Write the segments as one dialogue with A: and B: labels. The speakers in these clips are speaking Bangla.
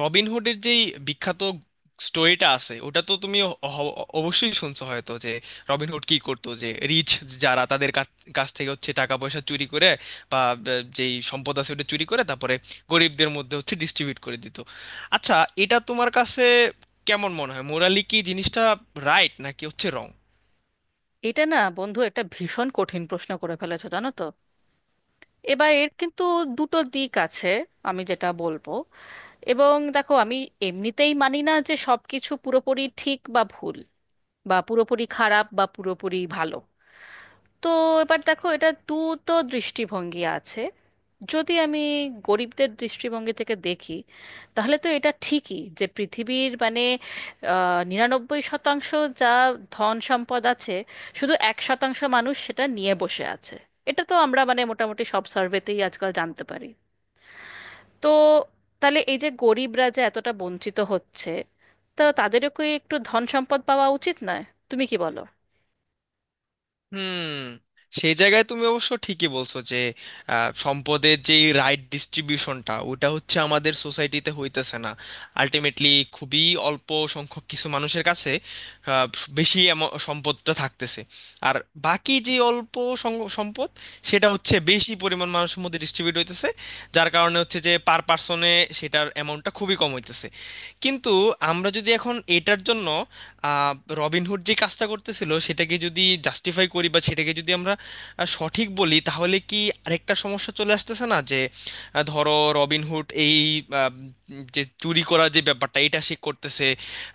A: রবিনহুডের যেই বিখ্যাত স্টোরিটা আছে ওটা তো তুমি অবশ্যই শুনছো হয়তো, যে রবিনহুড কি করতো? যে রিচ যারা তাদের কাছ কাছ থেকে হচ্ছে টাকা পয়সা চুরি করে, বা যেই সম্পদ আছে ওটা চুরি করে তারপরে গরিবদের মধ্যে হচ্ছে ডিস্ট্রিবিউট করে দিত। আচ্ছা, এটা তোমার কাছে কেমন মনে হয়? মোরালি কি জিনিসটা রাইট নাকি হচ্ছে রং?
B: এটা না বন্ধু, একটা ভীষণ কঠিন প্রশ্ন করে ফেলেছো, জানো তো। এবার এর কিন্তু দুটো দিক আছে। আমি যেটা বলবো, এবং দেখো, আমি এমনিতেই মানি না যে সবকিছু পুরোপুরি ঠিক বা ভুল বা পুরোপুরি খারাপ বা পুরোপুরি ভালো। তো এবার দেখো, এটা দুটো দৃষ্টিভঙ্গি আছে। যদি আমি গরিবদের দৃষ্টিভঙ্গি থেকে দেখি, তাহলে তো এটা ঠিকই যে পৃথিবীর মানে 99% যা ধন সম্পদ আছে, শুধু 1% মানুষ সেটা নিয়ে বসে আছে। এটা তো আমরা মানে মোটামুটি সব সার্ভেতেই আজকাল জানতে পারি। তো তাহলে এই যে গরিবরা যে এতটা বঞ্চিত হচ্ছে, তা তাদেরও কি একটু ধন সম্পদ পাওয়া উচিত নয়? তুমি কি বলো?
A: হুম, সেই জায়গায় তুমি অবশ্য ঠিকই বলছো যে সম্পদের যে রাইট ডিস্ট্রিবিউশনটা ওটা হচ্ছে আমাদের সোসাইটিতে হইতেছে না। আলটিমেটলি খুবই অল্প সংখ্যক কিছু মানুষের কাছে, আহ, বেশি সম্পদটা থাকতেছে। আর বাকি যে অল্প সম্পদ, সেটা হচ্ছে বেশি পরিমাণ মানুষের মধ্যে ডিস্ট্রিবিউট হইতেছে, যার কারণে হচ্ছে যে পার পার্সনে সেটার অ্যামাউন্টটা খুবই কম হইতেছে। কিন্তু আমরা যদি এখন এটার জন্য, আহ, রবিনহুড যে কাজটা করতেছিল সেটাকে যদি জাস্টিফাই করি, বা সেটাকে যদি আমরা সঠিক বলি, তাহলে কি আরেকটা সমস্যা চলে আসতেছে না? যে ধরো রবিনহুড এই আহ, যে চুরি করার যে ব্যাপারটা এটা সে করতেছে,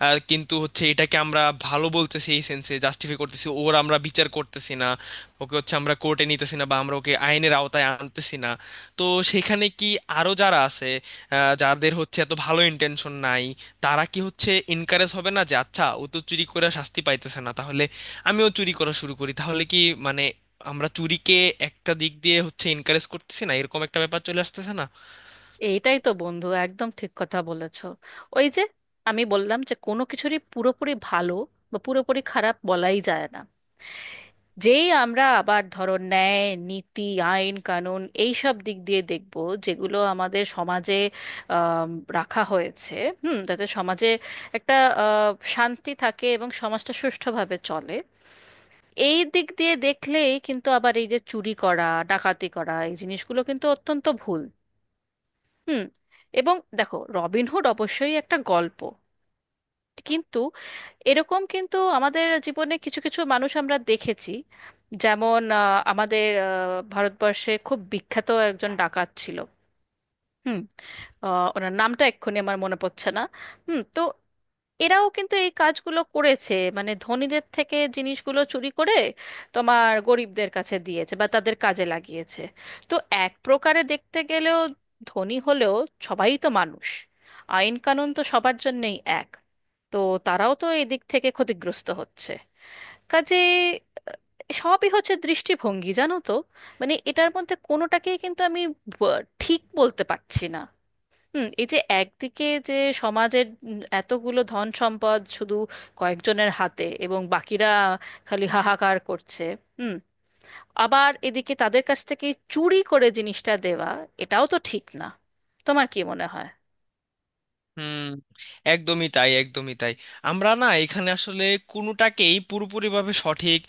A: কিন্তু হচ্ছে এটাকে আমরা ভালো বলতেছি, এই সেন্সে জাস্টিফাই করতেছি, ওর আমরা বিচার করতেছি না, ওকে হচ্ছে আমরা কোর্টে নিতেছি না, বা আমরা ওকে আইনের আওতায় আনতেছি না। তো সেখানে কি আরো যারা আছে, যাদের হচ্ছে এত ভালো ইন্টেনশন নাই, তারা কি হচ্ছে এনকারেজ হবে না যে আচ্ছা ও তো চুরি করে শাস্তি পাইতেছে না, তাহলে আমিও চুরি করা শুরু করি? তাহলে কি মানে আমরা চুরিকে একটা দিক দিয়ে হচ্ছে এনকারেজ করতেছি না, এরকম একটা ব্যাপার চলে আসতেছে না?
B: এইটাই তো বন্ধু, একদম ঠিক কথা বলেছ। ওই যে আমি বললাম যে কোনো কিছুরই পুরোপুরি ভালো বা পুরোপুরি খারাপ বলাই যায় না। যেই আমরা আবার ধরো ন্যায় নীতি, আইন কানুন এই সব দিক দিয়ে দেখব, যেগুলো আমাদের সমাজে আম, রাখা হয়েছে, হুম, যাতে সমাজে একটা আ, শান্তি থাকে এবং সমাজটা সুষ্ঠুভাবে চলে, এই দিক দিয়ে দেখলেই কিন্তু আবার এই যে চুরি করা, ডাকাতি করা, এই জিনিসগুলো কিন্তু অত্যন্ত ভুল। হুম। এবং দেখো, রবিনহুড অবশ্যই একটা গল্প, কিন্তু এরকম কিন্তু আমাদের জীবনে কিছু কিছু মানুষ আমরা দেখেছি। যেমন আমাদের ভারতবর্ষে খুব বিখ্যাত একজন ডাকাত ছিল। হুম। ওনার নামটা এক্ষুনি আমার মনে পড়ছে না। হুম। তো এরাও কিন্তু এই কাজগুলো করেছে, মানে ধনীদের থেকে জিনিসগুলো চুরি করে তোমার গরিবদের কাছে দিয়েছে বা তাদের কাজে লাগিয়েছে। তো এক প্রকারে দেখতে গেলেও, ধনী হলেও সবাই তো মানুষ, আইন কানুন তো সবার জন্যই এক। তো তারাও তো এই দিক থেকে ক্ষতিগ্রস্ত হচ্ছে। কাজে সবই হচ্ছে দৃষ্টিভঙ্গি, জানো তো। মানে এটার মধ্যে কোনোটাকেই কিন্তু আমি ঠিক বলতে পারছি না। হুম। এই যে একদিকে যে সমাজের এতগুলো ধন সম্পদ শুধু কয়েকজনের হাতে এবং বাকিরা খালি হাহাকার করছে, হুম, আবার এদিকে তাদের কাছ থেকে চুরি করে জিনিসটা দেওয়া, এটাও তো ঠিক না। তোমার কি মনে হয়?
A: হুম, একদমই তাই, একদমই তাই। আমরা না এখানে আসলে কোনোটাকেই পুরোপুরিভাবে সঠিক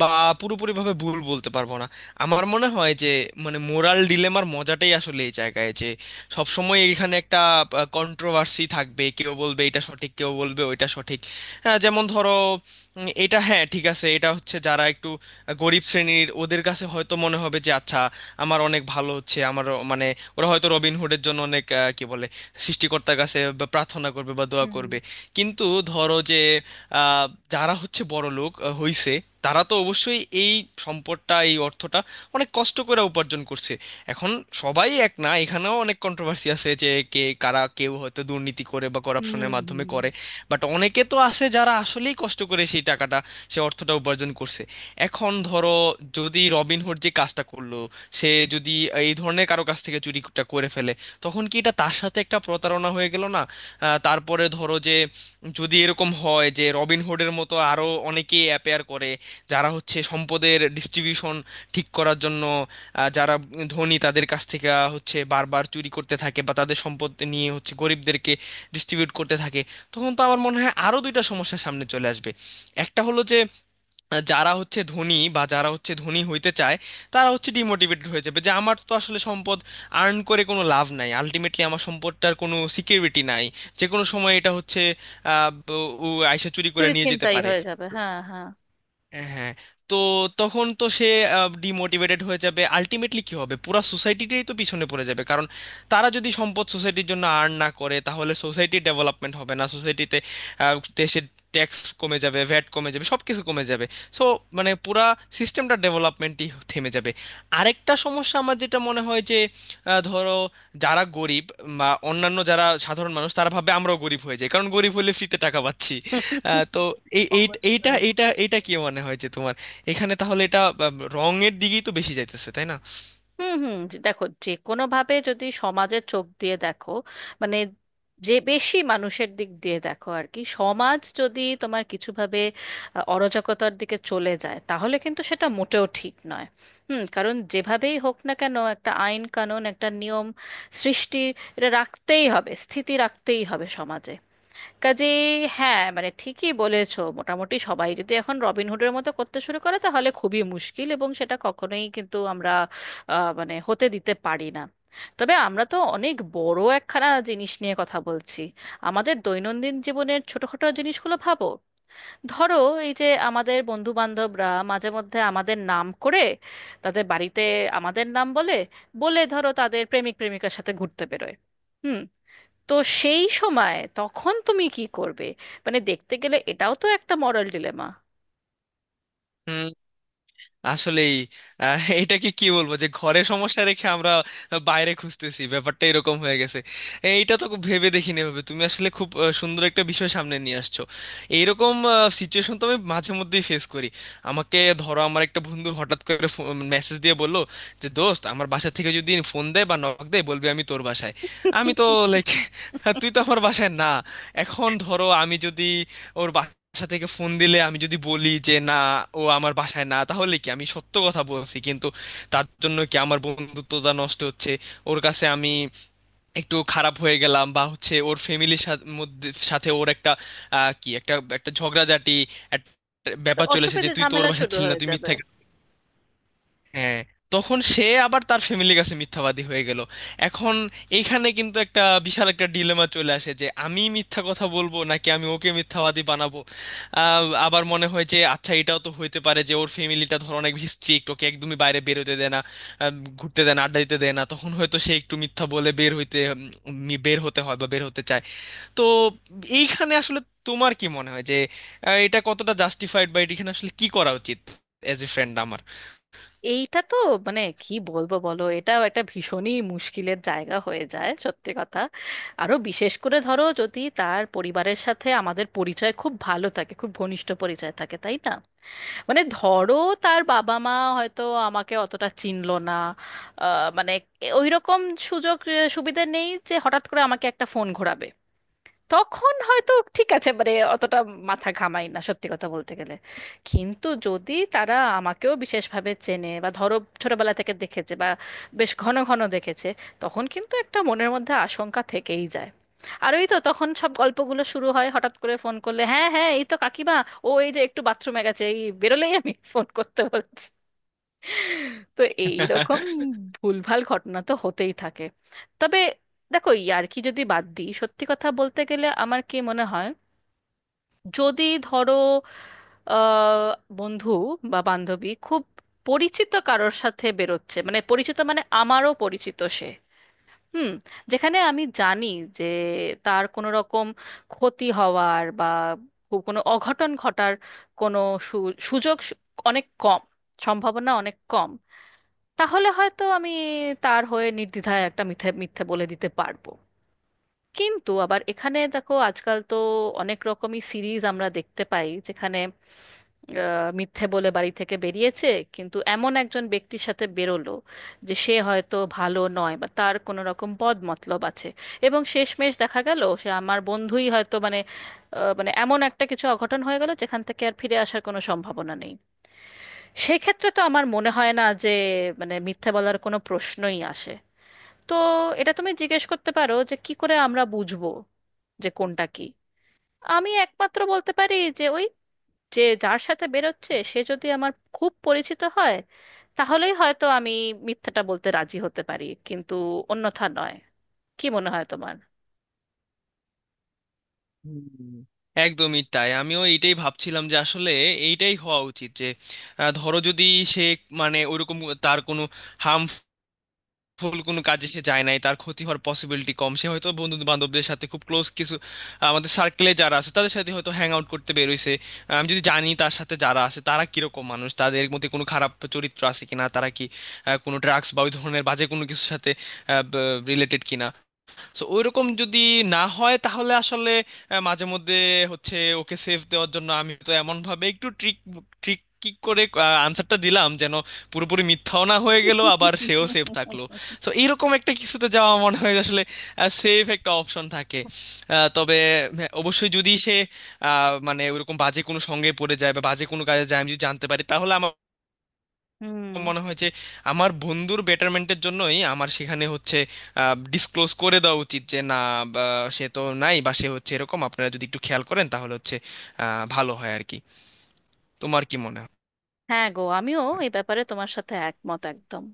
A: বা পুরোপুরিভাবে ভুল বলতে পারবো না। আমার মনে হয় যে মানে মোরাল ডিলেমার মজাটাই আসলে এই জায়গায়, যে সবসময় এখানে একটা কন্ট্রোভার্সি থাকবে, কেউ বলবে এটা সঠিক, কেউ বলবে ওইটা সঠিক। হ্যাঁ, যেমন ধরো, এটা হ্যাঁ ঠিক আছে, এটা হচ্ছে যারা একটু গরিব শ্রেণীর, ওদের কাছে হয়তো মনে হবে যে আচ্ছা আমার অনেক ভালো হচ্ছে, আমার মানে ওরা হয়তো রবিনহুডের জন্য অনেক কি বলে সৃষ্টিকর্তার কাছে বা প্রার্থনা করবে বা দোয়া
B: হুম,
A: করবে। কিন্তু ধরো যে আহ, যারা হচ্ছে বড় লোক হইছে, তারা তো অবশ্যই এই সম্পদটা, এই অর্থটা অনেক কষ্ট করে উপার্জন করছে। এখন সবাই এক না, এখানেও অনেক কন্ট্রোভার্সি আছে যে কে কারা, কেউ হয়তো দুর্নীতি করে বা
B: হুম,
A: করাপশনের মাধ্যমে করে।
B: হুম,
A: বাট অনেকে তো আছে যারা আসলেই কষ্ট করে সেই টাকাটা, সে অর্থটা উপার্জন করছে। এখন ধরো যদি রবিনহুড যে কাজটা করলো, সে যদি এই ধরনের কারো কাছ থেকে চুরিটা করে ফেলে, তখন কি এটা তার সাথে একটা প্রতারণা হয়ে গেল না? তারপরে ধরো যে যদি এরকম হয় যে রবিনহুডের মতো আরো অনেকেই অ্যাপেয়ার করে, যারা হচ্ছে সম্পদের ডিস্ট্রিবিউশন ঠিক করার জন্য যারা ধনী তাদের কাছ থেকে হচ্ছে বারবার চুরি করতে থাকে, বা তাদের সম্পদ নিয়ে হচ্ছে গরিবদেরকে ডিস্ট্রিবিউট করতে থাকে, তখন তো আমার মনে হয় আরো দুইটা সমস্যা সামনে চলে আসবে। একটা হলো যে যারা হচ্ছে ধনী, বা যারা হচ্ছে ধনী হইতে চায়, তারা হচ্ছে ডিমোটিভেটেড হয়ে যাবে, যে আমার তো আসলে সম্পদ আর্ন করে কোনো লাভ নাই, আলটিমেটলি আমার সম্পদটার কোনো সিকিউরিটি নাই, যে কোনো সময় এটা হচ্ছে ও আইসা চুরি করে
B: চুরি
A: নিয়ে যেতে
B: ছিনতাই
A: পারে।
B: হয়ে যাবে, হ্যাঁ হ্যাঁ।
A: হ্যাঁ। তো তখন তো সে ডিমোটিভেটেড হয়ে যাবে, আলটিমেটলি কি হবে, পুরা সোসাইটিটাই তো পিছনে পড়ে যাবে, কারণ তারা যদি সম্পদ সোসাইটির জন্য আর্ন না করে, তাহলে সোসাইটির ডেভেলপমেন্ট হবে না, সোসাইটিতে দেশের ট্যাক্স কমে যাবে, ভ্যাট কমে যাবে, সব কিছু কমে যাবে। সো মানে পুরা সিস্টেমটা ডেভেলপমেন্টই থেমে যাবে। আরেকটা সমস্যা আমার যেটা মনে হয় যে ধরো যারা গরিব বা অন্যান্য যারা সাধারণ মানুষ, তারা ভাবে আমরাও গরিব হয়ে যাই, কারণ গরিব হলে ফ্রিতে টাকা পাচ্ছি। তো এই এই- এইটা
B: অবশ্যই।
A: এইটা এইটা কি মনে হয় যে তোমার এখানে তাহলে এটা আহ, রঙের দিকেই তো বেশি যাইতেছে, তাই?
B: হুম, হুম। দেখো, যে কোনো ভাবে যদি সমাজের চোখ দিয়ে দেখো, মানে যে বেশি মানুষের দিক দিয়ে দেখো আর কি, সমাজ যদি তোমার কিছু ভাবে অরাজকতার দিকে চলে যায়, তাহলে কিন্তু সেটা মোটেও ঠিক নয়। হুম। কারণ যেভাবেই হোক না কেন একটা আইন কানুন, একটা নিয়ম সৃষ্টি, এটা রাখতেই হবে, স্থিতি রাখতেই হবে সমাজে। কাজেই হ্যাঁ, মানে ঠিকই বলেছো, মোটামুটি সবাই যদি এখন রবিনহুডের মতো করতে শুরু করে তাহলে খুবই মুশকিল, এবং সেটা কখনোই কিন্তু আমরা মানে হতে দিতে পারি না। তবে আমরা তো অনেক বড় একখানা জিনিস নিয়ে কথা বলছি। আমাদের দৈনন্দিন জীবনের ছোটখাটো জিনিসগুলো ভাবো। ধরো এই যে আমাদের বন্ধু বান্ধবরা মাঝে মধ্যে আমাদের নাম করে তাদের বাড়িতে আমাদের নাম বলে, বলে ধরো তাদের প্রেমিক প্রেমিকার সাথে ঘুরতে বেরোয়। হুম। তো সেই সময় তখন তুমি কি করবে? মানে দেখতে গেলে এটাও তো একটা মরাল ডিলেমা।
A: না, আসলেই এটা কি কি বলবো, যে ঘরে সমস্যা রেখে আমরা বাইরে খুঁজতেছি, ব্যাপারটা এরকম হয়ে গেছে। এইটা তো খুব ভেবে দেখিনি, ভাবে তুমি আসলে খুব সুন্দর একটা বিষয় সামনে নিয়ে আসছো। এইরকম সিচুয়েশন তো আমি মাঝে মধ্যেই ফেস করি। আমাকে ধরো, আমার একটা বন্ধু হঠাৎ করে মেসেজ দিয়ে বললো যে দোস্ত, আমার বাসা থেকে যদি ফোন দেয় বা নক দেয় বলবি আমি তোর বাসায়। আমি তো লাইক তুই তো আমার বাসায় না। এখন ধরো আমি যদি ওর বাসায় বাসা থেকে ফোন দিলে আমি যদি বলি যে না, ও আমার বাসায় না, তাহলে কি আমি সত্য কথা বলছি, কিন্তু তার জন্য কি আমার বন্ধুত্বটা নষ্ট হচ্ছে, ওর কাছে আমি একটু খারাপ হয়ে গেলাম, বা হচ্ছে ওর ফ্যামিলির সাথে, মধ্যে, সাথে ওর একটা কি একটা একটা ঝগড়াঝাটি, একটা
B: তো
A: ব্যাপার চলেছে যে
B: অসুবিধে
A: তুই তোর
B: ঝামেলা
A: বাসায়
B: শুরু
A: ছিলি না,
B: হয়ে
A: তুই
B: যাবে।
A: মিথ্যা। হ্যাঁ, তখন সে আবার তার ফ্যামিলির কাছে মিথ্যাবাদী হয়ে গেল। এখন এইখানে কিন্তু একটা বিশাল একটা ডিলেমা চলে আসে যে আমি মিথ্যা কথা বলবো নাকি আমি ওকে মিথ্যাবাদী বানাবো। আবার মনে হয় যে আচ্ছা, এটাও তো হইতে পারে যে ওর ফ্যামিলিটা ধর অনেক বেশি স্ট্রিক্ট, ওকে একদমই বাইরে বেরোতে দেয় না, আহ, ঘুরতে দেয় না, আড্ডা দিতে দেয় না, তখন হয়তো সে একটু মিথ্যা বলে বের হইতে, বের হতে হয় বা বের হতে চায়। তো এইখানে আসলে তোমার কি মনে হয় যে এটা কতটা জাস্টিফাইড, বা এখানে আসলে কি করা উচিত এজ এ ফ্রেন্ড আমার?
B: এইটা তো মানে কি বলবো বলো, এটাও একটা ভীষণই মুশকিলের জায়গা হয়ে যায় সত্যি কথা। আরো বিশেষ করে ধরো যদি তার পরিবারের সাথে আমাদের পরিচয় খুব ভালো থাকে, খুব ঘনিষ্ঠ পরিচয় থাকে, তাই না? মানে ধরো তার বাবা মা হয়তো আমাকে অতটা চিনলো না, মানে ওই রকম সুযোগ সুবিধা নেই যে হঠাৎ করে আমাকে একটা ফোন ঘোরাবে, তখন হয়তো ঠিক আছে, মানে অতটা মাথা ঘামাই না সত্যি কথা বলতে গেলে। কিন্তু যদি তারা আমাকেও বিশেষভাবে চেনে বা ধরো ছোটবেলা থেকে দেখেছে বা বেশ ঘন ঘন দেখেছে, তখন কিন্তু একটা মনের মধ্যে আশঙ্কা থেকেই যায়। আর ওই তো তখন সব গল্পগুলো শুরু হয়, হঠাৎ করে ফোন করলে হ্যাঁ হ্যাঁ এই তো কাকিমা, ও এই যে একটু বাথরুমে গেছে, এই বেরোলেই আমি ফোন করতে বলছি। তো এইরকম ভুলভাল ঘটনা তো হতেই থাকে। তবে দেখো, ইয়ার্কি যদি বাদ দিই সত্যি কথা বলতে গেলে আমার কি মনে হয়, যদি ধরো আহ, বন্ধু বা বান্ধবী খুব পরিচিত কারোর সাথে বেরোচ্ছে, মানে পরিচিত মানে আমারও পরিচিত সে, হুম, যেখানে আমি জানি যে তার কোনো রকম ক্ষতি হওয়ার বা খুব কোনো অঘটন ঘটার কোনো সুযোগ অনেক কম, সম্ভাবনা অনেক কম, তাহলে হয়তো আমি তার হয়ে নির্দ্বিধায় একটা মিথ্যে মিথ্যে বলে দিতে পারবো। কিন্তু আবার এখানে দেখো, আজকাল তো অনেক রকমই সিরিজ আমরা দেখতে পাই, যেখানে মিথ্যে বলে বাড়ি থেকে বেরিয়েছে কিন্তু এমন একজন ব্যক্তির সাথে বেরোলো যে সে হয়তো ভালো নয় বা তার কোনো রকম বদ মতলব আছে, এবং শেষমেশ দেখা গেল সে আমার বন্ধুই হয়তো মানে মানে এমন একটা কিছু অঘটন হয়ে গেল যেখান থেকে আর ফিরে আসার কোনো সম্ভাবনা নেই। সেক্ষেত্রে তো আমার মনে হয় না যে মানে মিথ্যে বলার কোনো প্রশ্নই আসে। তো এটা তুমি জিজ্ঞেস করতে পারো যে কি করে আমরা বুঝবো যে কোনটা কি। আমি একমাত্র বলতে পারি যে ওই যে যার সাথে বেরোচ্ছে সে যদি আমার খুব পরিচিত হয়, তাহলেই হয়তো আমি মিথ্যাটা বলতে রাজি হতে পারি, কিন্তু অন্যথা নয়। কি মনে হয় তোমার?
A: হুম, একদমই তাই। আমিও এইটাই ভাবছিলাম যে আসলে এইটাই হওয়া উচিত, যে ধরো যদি সে মানে ওইরকম তার কোনো হার্মফুল কোনো কাজে সে যায় নাই, তার ক্ষতি হওয়ার পসিবিলিটি কম, সে হয়তো বন্ধু বান্ধবদের সাথে, খুব ক্লোজ কিছু আমাদের সার্কেলে যারা আছে তাদের সাথে হয়তো হ্যাং আউট করতে বেরোইছে। আমি যদি জানি তার সাথে যারা আছে তারা কিরকম মানুষ, তাদের মধ্যে কোনো খারাপ চরিত্র আছে কিনা, তারা কি কোনো ড্রাগস বা ওই ধরনের বাজে কোনো কিছুর সাথে রিলেটেড কিনা, সো ওইরকম যদি না হয়, তাহলে আসলে মাঝে মধ্যে হচ্ছে ওকে সেভ দেওয়ার জন্য আমি তো এমন ভাবে একটু ট্রিক ট্রিক কি করে আনসারটা দিলাম, যেন পুরোপুরি মিথ্যাও না হয়ে গেল, আবার সেও সেভ থাকলো। তো এইরকম একটা কিছুতে যাওয়া মনে হয় যে আসলে সেভ একটা অপশন থাকে। তবে হ্যাঁ, অবশ্যই যদি সে মানে ওইরকম বাজে কোনো সঙ্গে পড়ে যায় বা বাজে কোনো কাজে যায়, আমি যদি জানতে পারি, তাহলে আমার
B: হুম,
A: মনে হয় যে আমার বন্ধুর বেটারমেন্টের জন্যই আমার সেখানে হচ্ছে ডিসক্লোজ করে দেওয়া উচিত, যে না, বা সে তো নাই, বা সে হচ্ছে এরকম আপনারা যদি একটু খেয়াল করেন তাহলে হচ্ছে ভালো হয় আর কি। তোমার কি মনে হয়?
B: হ্যাঁ গো, আমিও এই ব্যাপারে তোমার সাথে একমত একদম।